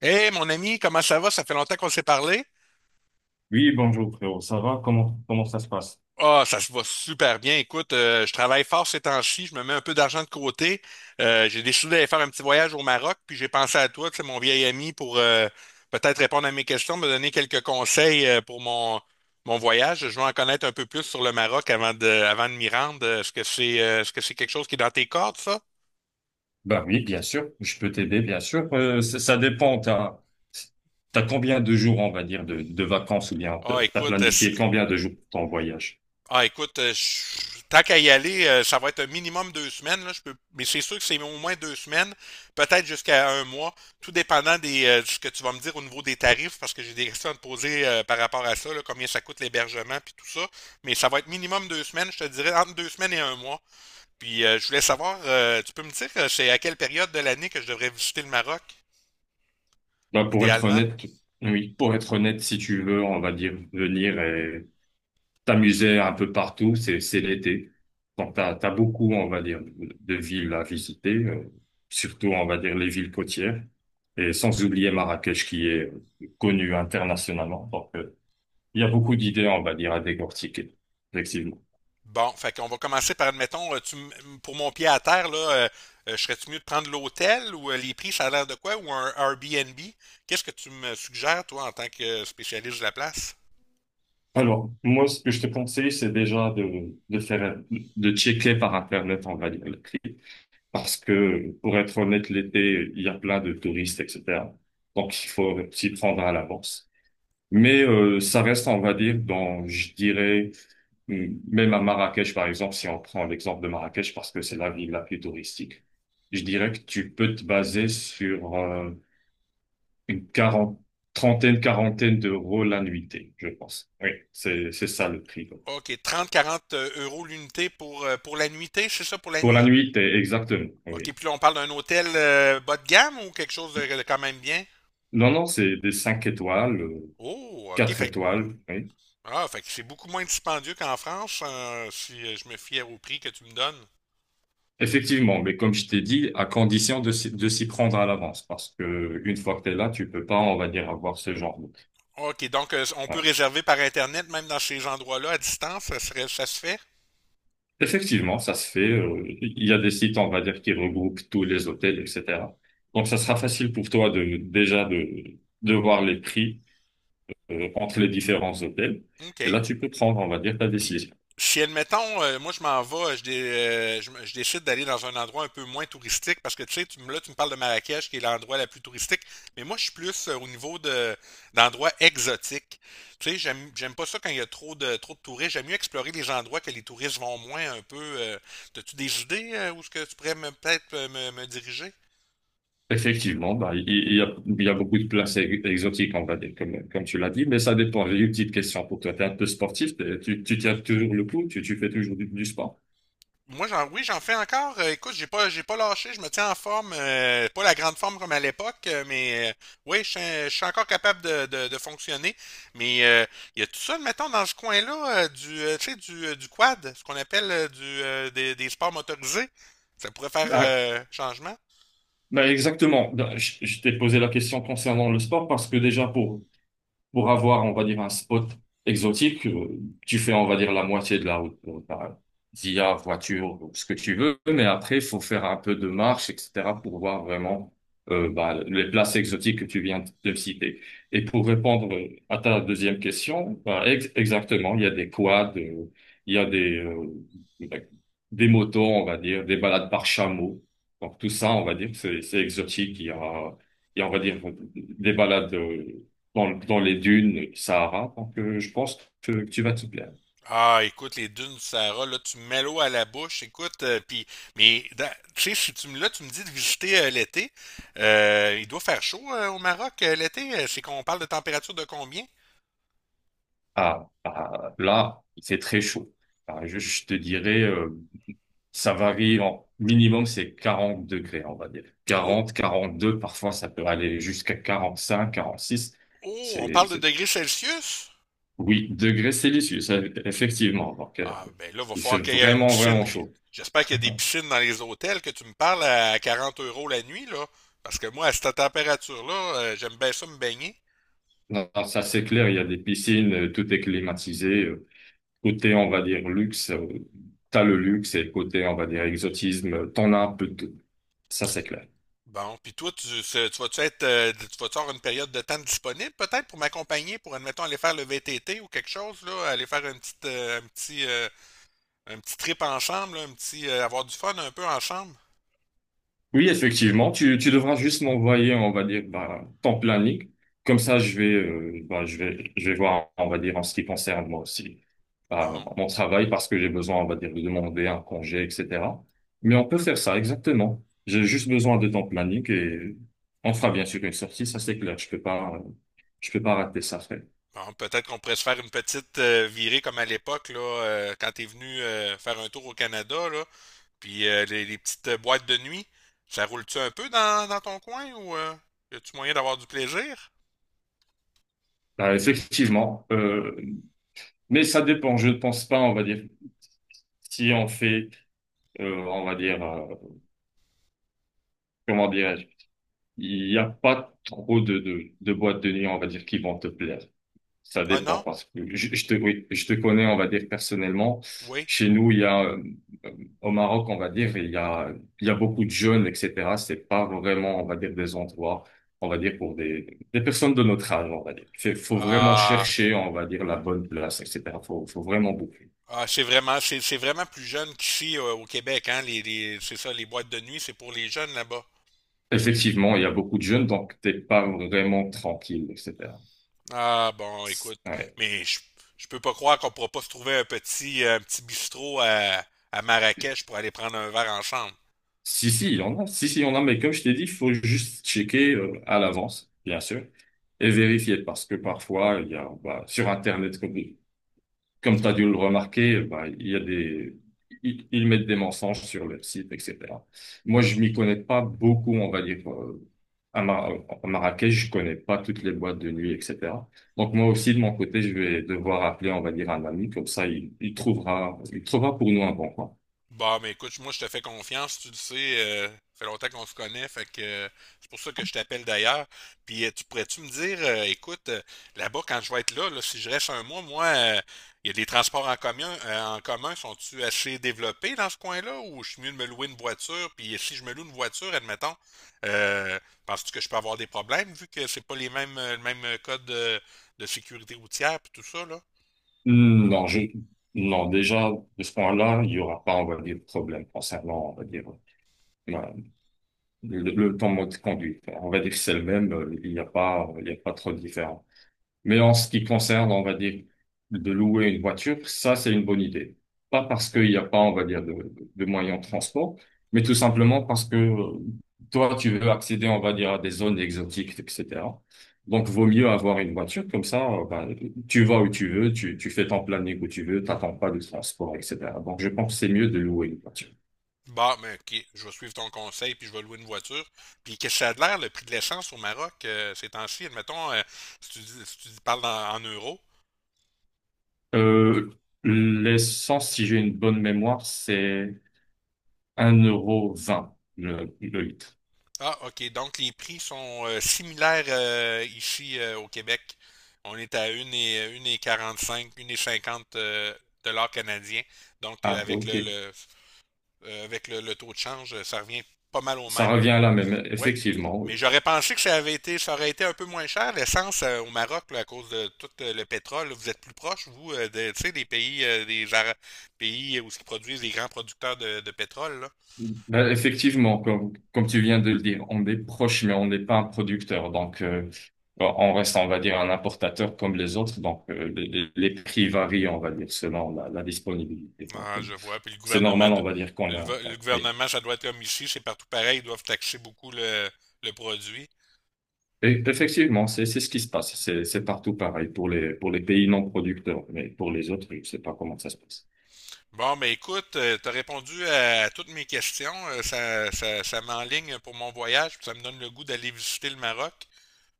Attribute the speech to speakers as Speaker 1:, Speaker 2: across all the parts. Speaker 1: Hey, mon ami, comment ça va? Ça fait longtemps qu'on s'est parlé.
Speaker 2: Oui, bonjour frérot, ça va? Comment ça se passe?
Speaker 1: Ah, ça se va super bien. Écoute, je travaille fort ces temps-ci, je me mets un peu d'argent de côté. J'ai décidé d'aller faire un petit voyage au Maroc, puis j'ai pensé à toi, tu sais, mon vieil ami, pour peut-être répondre à mes questions, me donner quelques conseils pour mon voyage. Je veux en connaître un peu plus sur le Maroc avant de m'y rendre. Est-ce que c'est quelque chose qui est dans tes cordes, ça?
Speaker 2: Ben oui, bien sûr, je peux t'aider, bien sûr. Ça dépend, t'as combien de jours, on va dire, de vacances ou bien t'as
Speaker 1: Ah,
Speaker 2: t'as
Speaker 1: écoute, si,
Speaker 2: planifié combien de jours pour ton voyage?
Speaker 1: Ah, écoute, tant qu'à y aller, ça va être un minimum 2 semaines, là, je peux, mais c'est sûr que c'est au moins 2 semaines, peut-être jusqu'à 1 mois, tout dépendant de ce que tu vas me dire au niveau des tarifs, parce que j'ai des questions à te poser par rapport à ça, là, combien ça coûte l'hébergement, puis tout ça. Mais ça va être minimum 2 semaines, je te dirais entre 2 semaines et 1 mois. Puis je voulais savoir, tu peux me dire, c'est à quelle période de l'année que je devrais visiter le Maroc,
Speaker 2: Bah, pour être
Speaker 1: idéalement?
Speaker 2: honnête, oui, si tu veux, on va dire venir et t'amuser un peu partout, c'est l'été. Donc, t'as beaucoup, on va dire, de villes à visiter, surtout, on va dire, les villes côtières. Et sans oublier Marrakech qui est connue internationalement. Il y a beaucoup d'idées, on va dire, à décortiquer, effectivement.
Speaker 1: Bon, fait qu'on va commencer par, admettons, pour mon pied à terre, là, serais-tu mieux de prendre l'hôtel ou les prix, ça a l'air de quoi, ou un Airbnb? Qu'est-ce que tu me suggères, toi, en tant que spécialiste de la place?
Speaker 2: Alors, moi, ce que je te conseille, c'est déjà de checker par Internet, on va dire, le prix. Parce que, pour être honnête, l'été, il y a plein de touristes, etc. Donc, il faut s'y prendre à l'avance. Mais ça reste, on va dire, dans, je dirais, même à Marrakech, par exemple, si on prend l'exemple de Marrakech, parce que c'est la ville la plus touristique, je dirais que tu peux te baser sur une quarante, trentaine, quarantaine d'euros la nuitée, je pense. Oui, c'est ça le prix.
Speaker 1: OK, 30-40 € l'unité pour la nuitée, c'est ça pour la
Speaker 2: Pour la
Speaker 1: nuit?
Speaker 2: nuitée, exactement.
Speaker 1: OK,
Speaker 2: Oui.
Speaker 1: puis là, on parle d'un hôtel bas de gamme ou quelque chose de quand même bien?
Speaker 2: Non, non, c'est des cinq étoiles,
Speaker 1: Oh, OK,
Speaker 2: quatre
Speaker 1: fait, que-
Speaker 2: étoiles. Oui.
Speaker 1: ah, fait que c'est beaucoup moins dispendieux qu'en France, si je me fie au prix que tu me donnes.
Speaker 2: Effectivement, mais comme je t'ai dit, à condition de s'y prendre à l'avance, parce que une fois que t'es là, tu peux pas, on va dire, avoir ce genre de.
Speaker 1: OK, donc on peut
Speaker 2: Ouais.
Speaker 1: réserver par Internet, même dans ces endroits-là, à distance, ça se fait?
Speaker 2: Effectivement, ça se fait. Il y a des sites, on va dire, qui regroupent tous les hôtels, etc. Donc, ça sera facile pour toi de déjà de voir les prix entre les différents hôtels. Et
Speaker 1: OK.
Speaker 2: là, tu peux prendre, on va dire, ta
Speaker 1: Puis,
Speaker 2: décision.
Speaker 1: si, admettons, moi, je m'en vais, je, dé- je, me- je décide d'aller dans un endroit un peu moins touristique, parce que, tu sais, là, tu me parles de Marrakech, qui est l'endroit la plus touristique, mais moi, je suis plus au niveau de d'endroits exotiques. Tu sais, j'aime pas ça quand il y a trop de touristes. J'aime mieux explorer les endroits que les touristes vont moins un peu. T'as-tu des idées où ce que tu pourrais peut-être me diriger?
Speaker 2: Effectivement, bah, il y a beaucoup de places exotiques, on va dire, comme tu l'as dit, mais ça dépend. J'ai une petite question pour toi. Tu es un peu sportif, tu tiens toujours le coup, tu fais toujours du sport.
Speaker 1: Oui, j'en fais encore. Écoute, j'ai pas lâché. Je me tiens en forme. Pas la grande forme comme à l'époque, oui, je suis encore capable de fonctionner. Mais il y a tout ça, mettons, dans ce coin-là, tu sais, du quad, ce qu'on appelle des sports motorisés. Ça pourrait faire
Speaker 2: Bah,
Speaker 1: changement.
Speaker 2: bah, exactement. Bah, je t'ai posé la question concernant le sport parce que déjà pour avoir, on va dire, un spot exotique, tu fais, on va dire, la moitié de la route par via voiture, ou ce que tu veux, mais après, il faut faire un peu de marche, etc., pour voir vraiment bah, les places exotiques que tu viens de me citer. Et pour répondre à ta deuxième question, bah, exactement, il y a des quads, il y a des motos, on va dire, des balades par chameau. Donc tout ça, on va dire, c'est exotique. Il y a, on va dire, des balades, dans les dunes Sahara. Donc, je pense que tu vas t'y plaire.
Speaker 1: Ah, écoute, les dunes du Sahara, là, tu me mets l'eau à la bouche, écoute, mais, dans- tu sais, si tu me, là, tu me dis de visiter l'été, il doit faire chaud au Maroc l'été. C'est qu'on parle de température de combien?
Speaker 2: Ah, ah, là, c'est très chaud. Ah, je te dirais, ça varie en minimum, c'est 40 degrés, on va dire,
Speaker 1: Oh,
Speaker 2: 40, 42, parfois ça peut aller jusqu'à 45, 46.
Speaker 1: oh, on
Speaker 2: C'est,
Speaker 1: parle de
Speaker 2: c'est...
Speaker 1: degrés Celsius?
Speaker 2: Oui, degrés Celsius, effectivement. Donc,
Speaker 1: Ah, ben là, va
Speaker 2: il fait
Speaker 1: falloir qu'il y ait une
Speaker 2: vraiment,
Speaker 1: piscine,
Speaker 2: vraiment chaud.
Speaker 1: j'espère qu'il y a des piscines dans les hôtels, que tu me parles à 40 € la nuit, là, parce que moi, à cette température-là, j'aime bien ça me baigner.
Speaker 2: Non, non, ça c'est clair, il y a des piscines, tout est climatisé. Côté, on va dire, luxe, t'as le luxe et côté, on va dire, exotisme, t'en as un peu de tout. Ça, c'est clair.
Speaker 1: Bon, puis toi, tu vas-tu être, tu vas-tu avoir une période de temps disponible peut-être pour m'accompagner, pour admettons aller faire le VTT ou quelque chose là, aller faire un petit, un petit trip ensemble, avoir du fun un peu ensemble.
Speaker 2: Oui, effectivement, tu devras juste m'envoyer, on va dire, bah, ton planning. Comme ça, bah, je vais voir, on va dire, en ce qui concerne moi aussi, bah,
Speaker 1: Bon,
Speaker 2: mon travail, parce que j'ai besoin, on va dire, de demander un congé, etc. Mais on peut faire ça, exactement. J'ai juste besoin de ton planning et on fera bien sûr une sortie, ça, c'est clair. Je peux pas rater ça, frère.
Speaker 1: bon, peut-être qu'on pourrait se faire une petite virée comme à l'époque là, quand t'es venu faire un tour au Canada là, puis les petites boîtes de nuit, ça roule-tu un peu dans ton coin ou y a-tu moyen d'avoir du plaisir?
Speaker 2: Bah, effectivement, mais ça dépend, je ne pense pas, on va dire, si on fait, on va dire, comment dirais-je, il n'y a pas trop de boîtes de nuit, on va dire, qui vont te plaire. Ça
Speaker 1: Ah
Speaker 2: dépend,
Speaker 1: non?
Speaker 2: parce que oui, je te connais, on va dire, personnellement.
Speaker 1: Oui.
Speaker 2: Chez nous, au Maroc, on va dire, il y a beaucoup de jeunes, etc. C'est pas vraiment, on va dire, des endroits, on va dire, pour des personnes de notre âge, on va dire. Faut vraiment
Speaker 1: Ah,
Speaker 2: chercher, on va dire, la bonne place, etc. Faut vraiment beaucoup.
Speaker 1: Ah, c'est vraiment, c'est vraiment plus jeune qu'ici au Québec, hein. C'est ça, les boîtes de nuit, c'est pour les jeunes là-bas.
Speaker 2: Effectivement, il y a beaucoup de jeunes, donc t'es pas vraiment tranquille, etc.
Speaker 1: Ah bon, écoute,
Speaker 2: Ouais.
Speaker 1: mais je, je peux pas croire qu'on pourra pas se trouver un petit bistrot à Marrakech pour aller prendre un verre ensemble.
Speaker 2: Si, si, il y en a. Si, si, il y en a, mais comme je t'ai dit, il faut juste checker à l'avance, bien sûr, et vérifier, parce que parfois, il y a bah, sur Internet, comme tu as dû le remarquer, bah, il y a des, ils mettent des mensonges sur le site, etc. Moi, je m'y connais pas beaucoup, on va dire, à, Mar- à Marrakech, je connais pas toutes les boîtes de nuit, etc. Donc, moi aussi, de mon côté, je vais devoir appeler, on va dire, un ami, comme ça, il trouvera pour nous un bon coin.
Speaker 1: Bah, mais écoute, moi, je te fais confiance, tu le sais. Ça fait longtemps qu'on se connaît, fait que c'est pour ça que je t'appelle d'ailleurs. Puis, tu pourrais-tu me dire, là-bas, quand je vais être là, là, si je reste 1 mois, moi, il y a des transports en commun, sont-tu assez développés dans ce coin-là, ou je suis mieux de me louer une voiture? Puis, si je me loue une voiture, admettons, euh, penses-tu que je peux avoir des problèmes, vu que c'est pas les mêmes, le même code de sécurité routière, puis tout ça, là?
Speaker 2: Non, non, déjà, de ce point-là, il y aura pas, on va dire, de problème concernant, on va dire, euh, le temps de conduite. On va dire que c'est le même, il n'y a pas trop de différence. Mais en ce qui concerne, on va dire, de louer une voiture, ça, c'est une bonne idée. Pas parce qu'il n'y a pas, on va dire, de moyens de transport, mais tout simplement parce que toi, tu veux accéder, on va dire, à des zones exotiques, etc. Donc, vaut mieux avoir une voiture, comme ça, ben, tu vas où tu veux, tu fais ton planning où tu veux, t'attends pas de transport, etc. Donc, je pense que c'est mieux de louer une voiture.
Speaker 1: Bah, mais ok, je vais suivre ton conseil, puis je vais louer une voiture. Puis qu'est-ce que ça a de l'air, le prix de l'essence au Maroc, ces temps-ci, admettons, si tu parles en, en euros.
Speaker 2: Euh, L'essence, si j'ai une bonne mémoire, c'est 1,20 € le litre.
Speaker 1: Ah, ok, donc les prix sont similaires ici au Québec. On est à une et 45, une et 50 dollars canadiens. Donc
Speaker 2: Ah, ok.
Speaker 1: avec le taux de change, ça revient pas mal au
Speaker 2: Ça
Speaker 1: même.
Speaker 2: revient à la même,
Speaker 1: Oui.
Speaker 2: effectivement.
Speaker 1: Mais j'aurais pensé que ça aurait été un peu moins cher, l'essence au Maroc, là, à cause de tout le pétrole. Là, vous êtes plus proche, vous, tu sais, des pays, des Ara- pays où ils produisent des grands producteurs de pétrole, là.
Speaker 2: Ben, effectivement, comme tu viens de le dire, on est proche, mais on n'est pas un producteur. Donc, on reste, on va dire, un importateur comme les autres. Donc, les prix varient, on va dire, selon la disponibilité. Donc,
Speaker 1: Ah, je vois. Puis le
Speaker 2: c'est
Speaker 1: gouvernement
Speaker 2: normal,
Speaker 1: de,
Speaker 2: on va dire qu'on
Speaker 1: le,
Speaker 2: a.
Speaker 1: va- le
Speaker 2: Oui.
Speaker 1: gouvernement, ça doit être comme ici, c'est partout pareil, ils doivent taxer beaucoup le produit.
Speaker 2: Et effectivement, c'est ce qui se passe. C'est partout pareil pour les pays non producteurs, mais pour les autres, je ne sais pas comment ça se passe.
Speaker 1: Bon, ben écoute, tu as répondu à toutes mes questions. Ça m'enligne pour mon voyage, puis ça me donne le goût d'aller visiter le Maroc.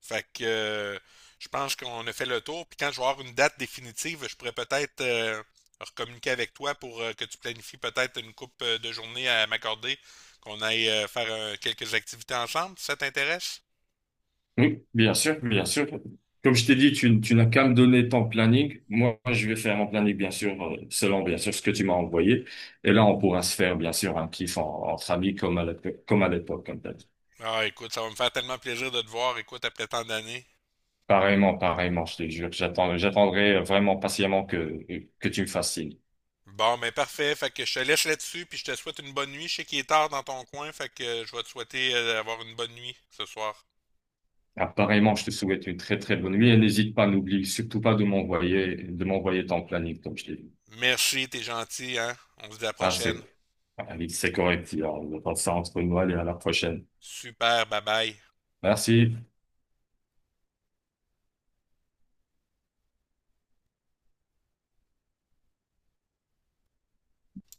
Speaker 1: Fait que je pense qu'on a fait le tour. Puis quand je vais avoir une date définitive, je pourrais peut-être recommuniquer avec toi pour que tu planifies peut-être une coupe de journée à m'accorder, qu'on aille faire quelques activités ensemble, si ça t'intéresse?
Speaker 2: Oui, bien sûr, bien sûr. Comme je t'ai dit, tu n'as qu'à me donner ton planning. Moi, je vais faire mon planning, bien sûr, selon, bien sûr, ce que tu m'as envoyé. Et là, on pourra se faire, bien sûr, un kiff entre amis comme à l'époque, comme à l'époque, comme t'as dit.
Speaker 1: Ah, écoute, ça va me faire tellement plaisir de te voir, écoute, après tant d'années.
Speaker 2: Pareillement, pareillement, je te jure. J'attendrai vraiment patiemment que tu me fasses signe.
Speaker 1: Bon, ben parfait. Fait que je te laisse là-dessus, puis je te souhaite une bonne nuit. Je sais qu'il est tard dans ton coin, fait que je vais te souhaiter d'avoir une bonne nuit ce soir.
Speaker 2: Apparemment, je te souhaite une très, très bonne nuit et n'hésite pas, n'oublie surtout pas de m'envoyer, ton planning, comme je t'ai dit.
Speaker 1: Merci, t'es gentil, hein? On se dit à la
Speaker 2: Ah,
Speaker 1: prochaine.
Speaker 2: ah oui, c'est correct. On va ça entre nous. Allez, à la prochaine.
Speaker 1: Super, bye bye.
Speaker 2: Merci.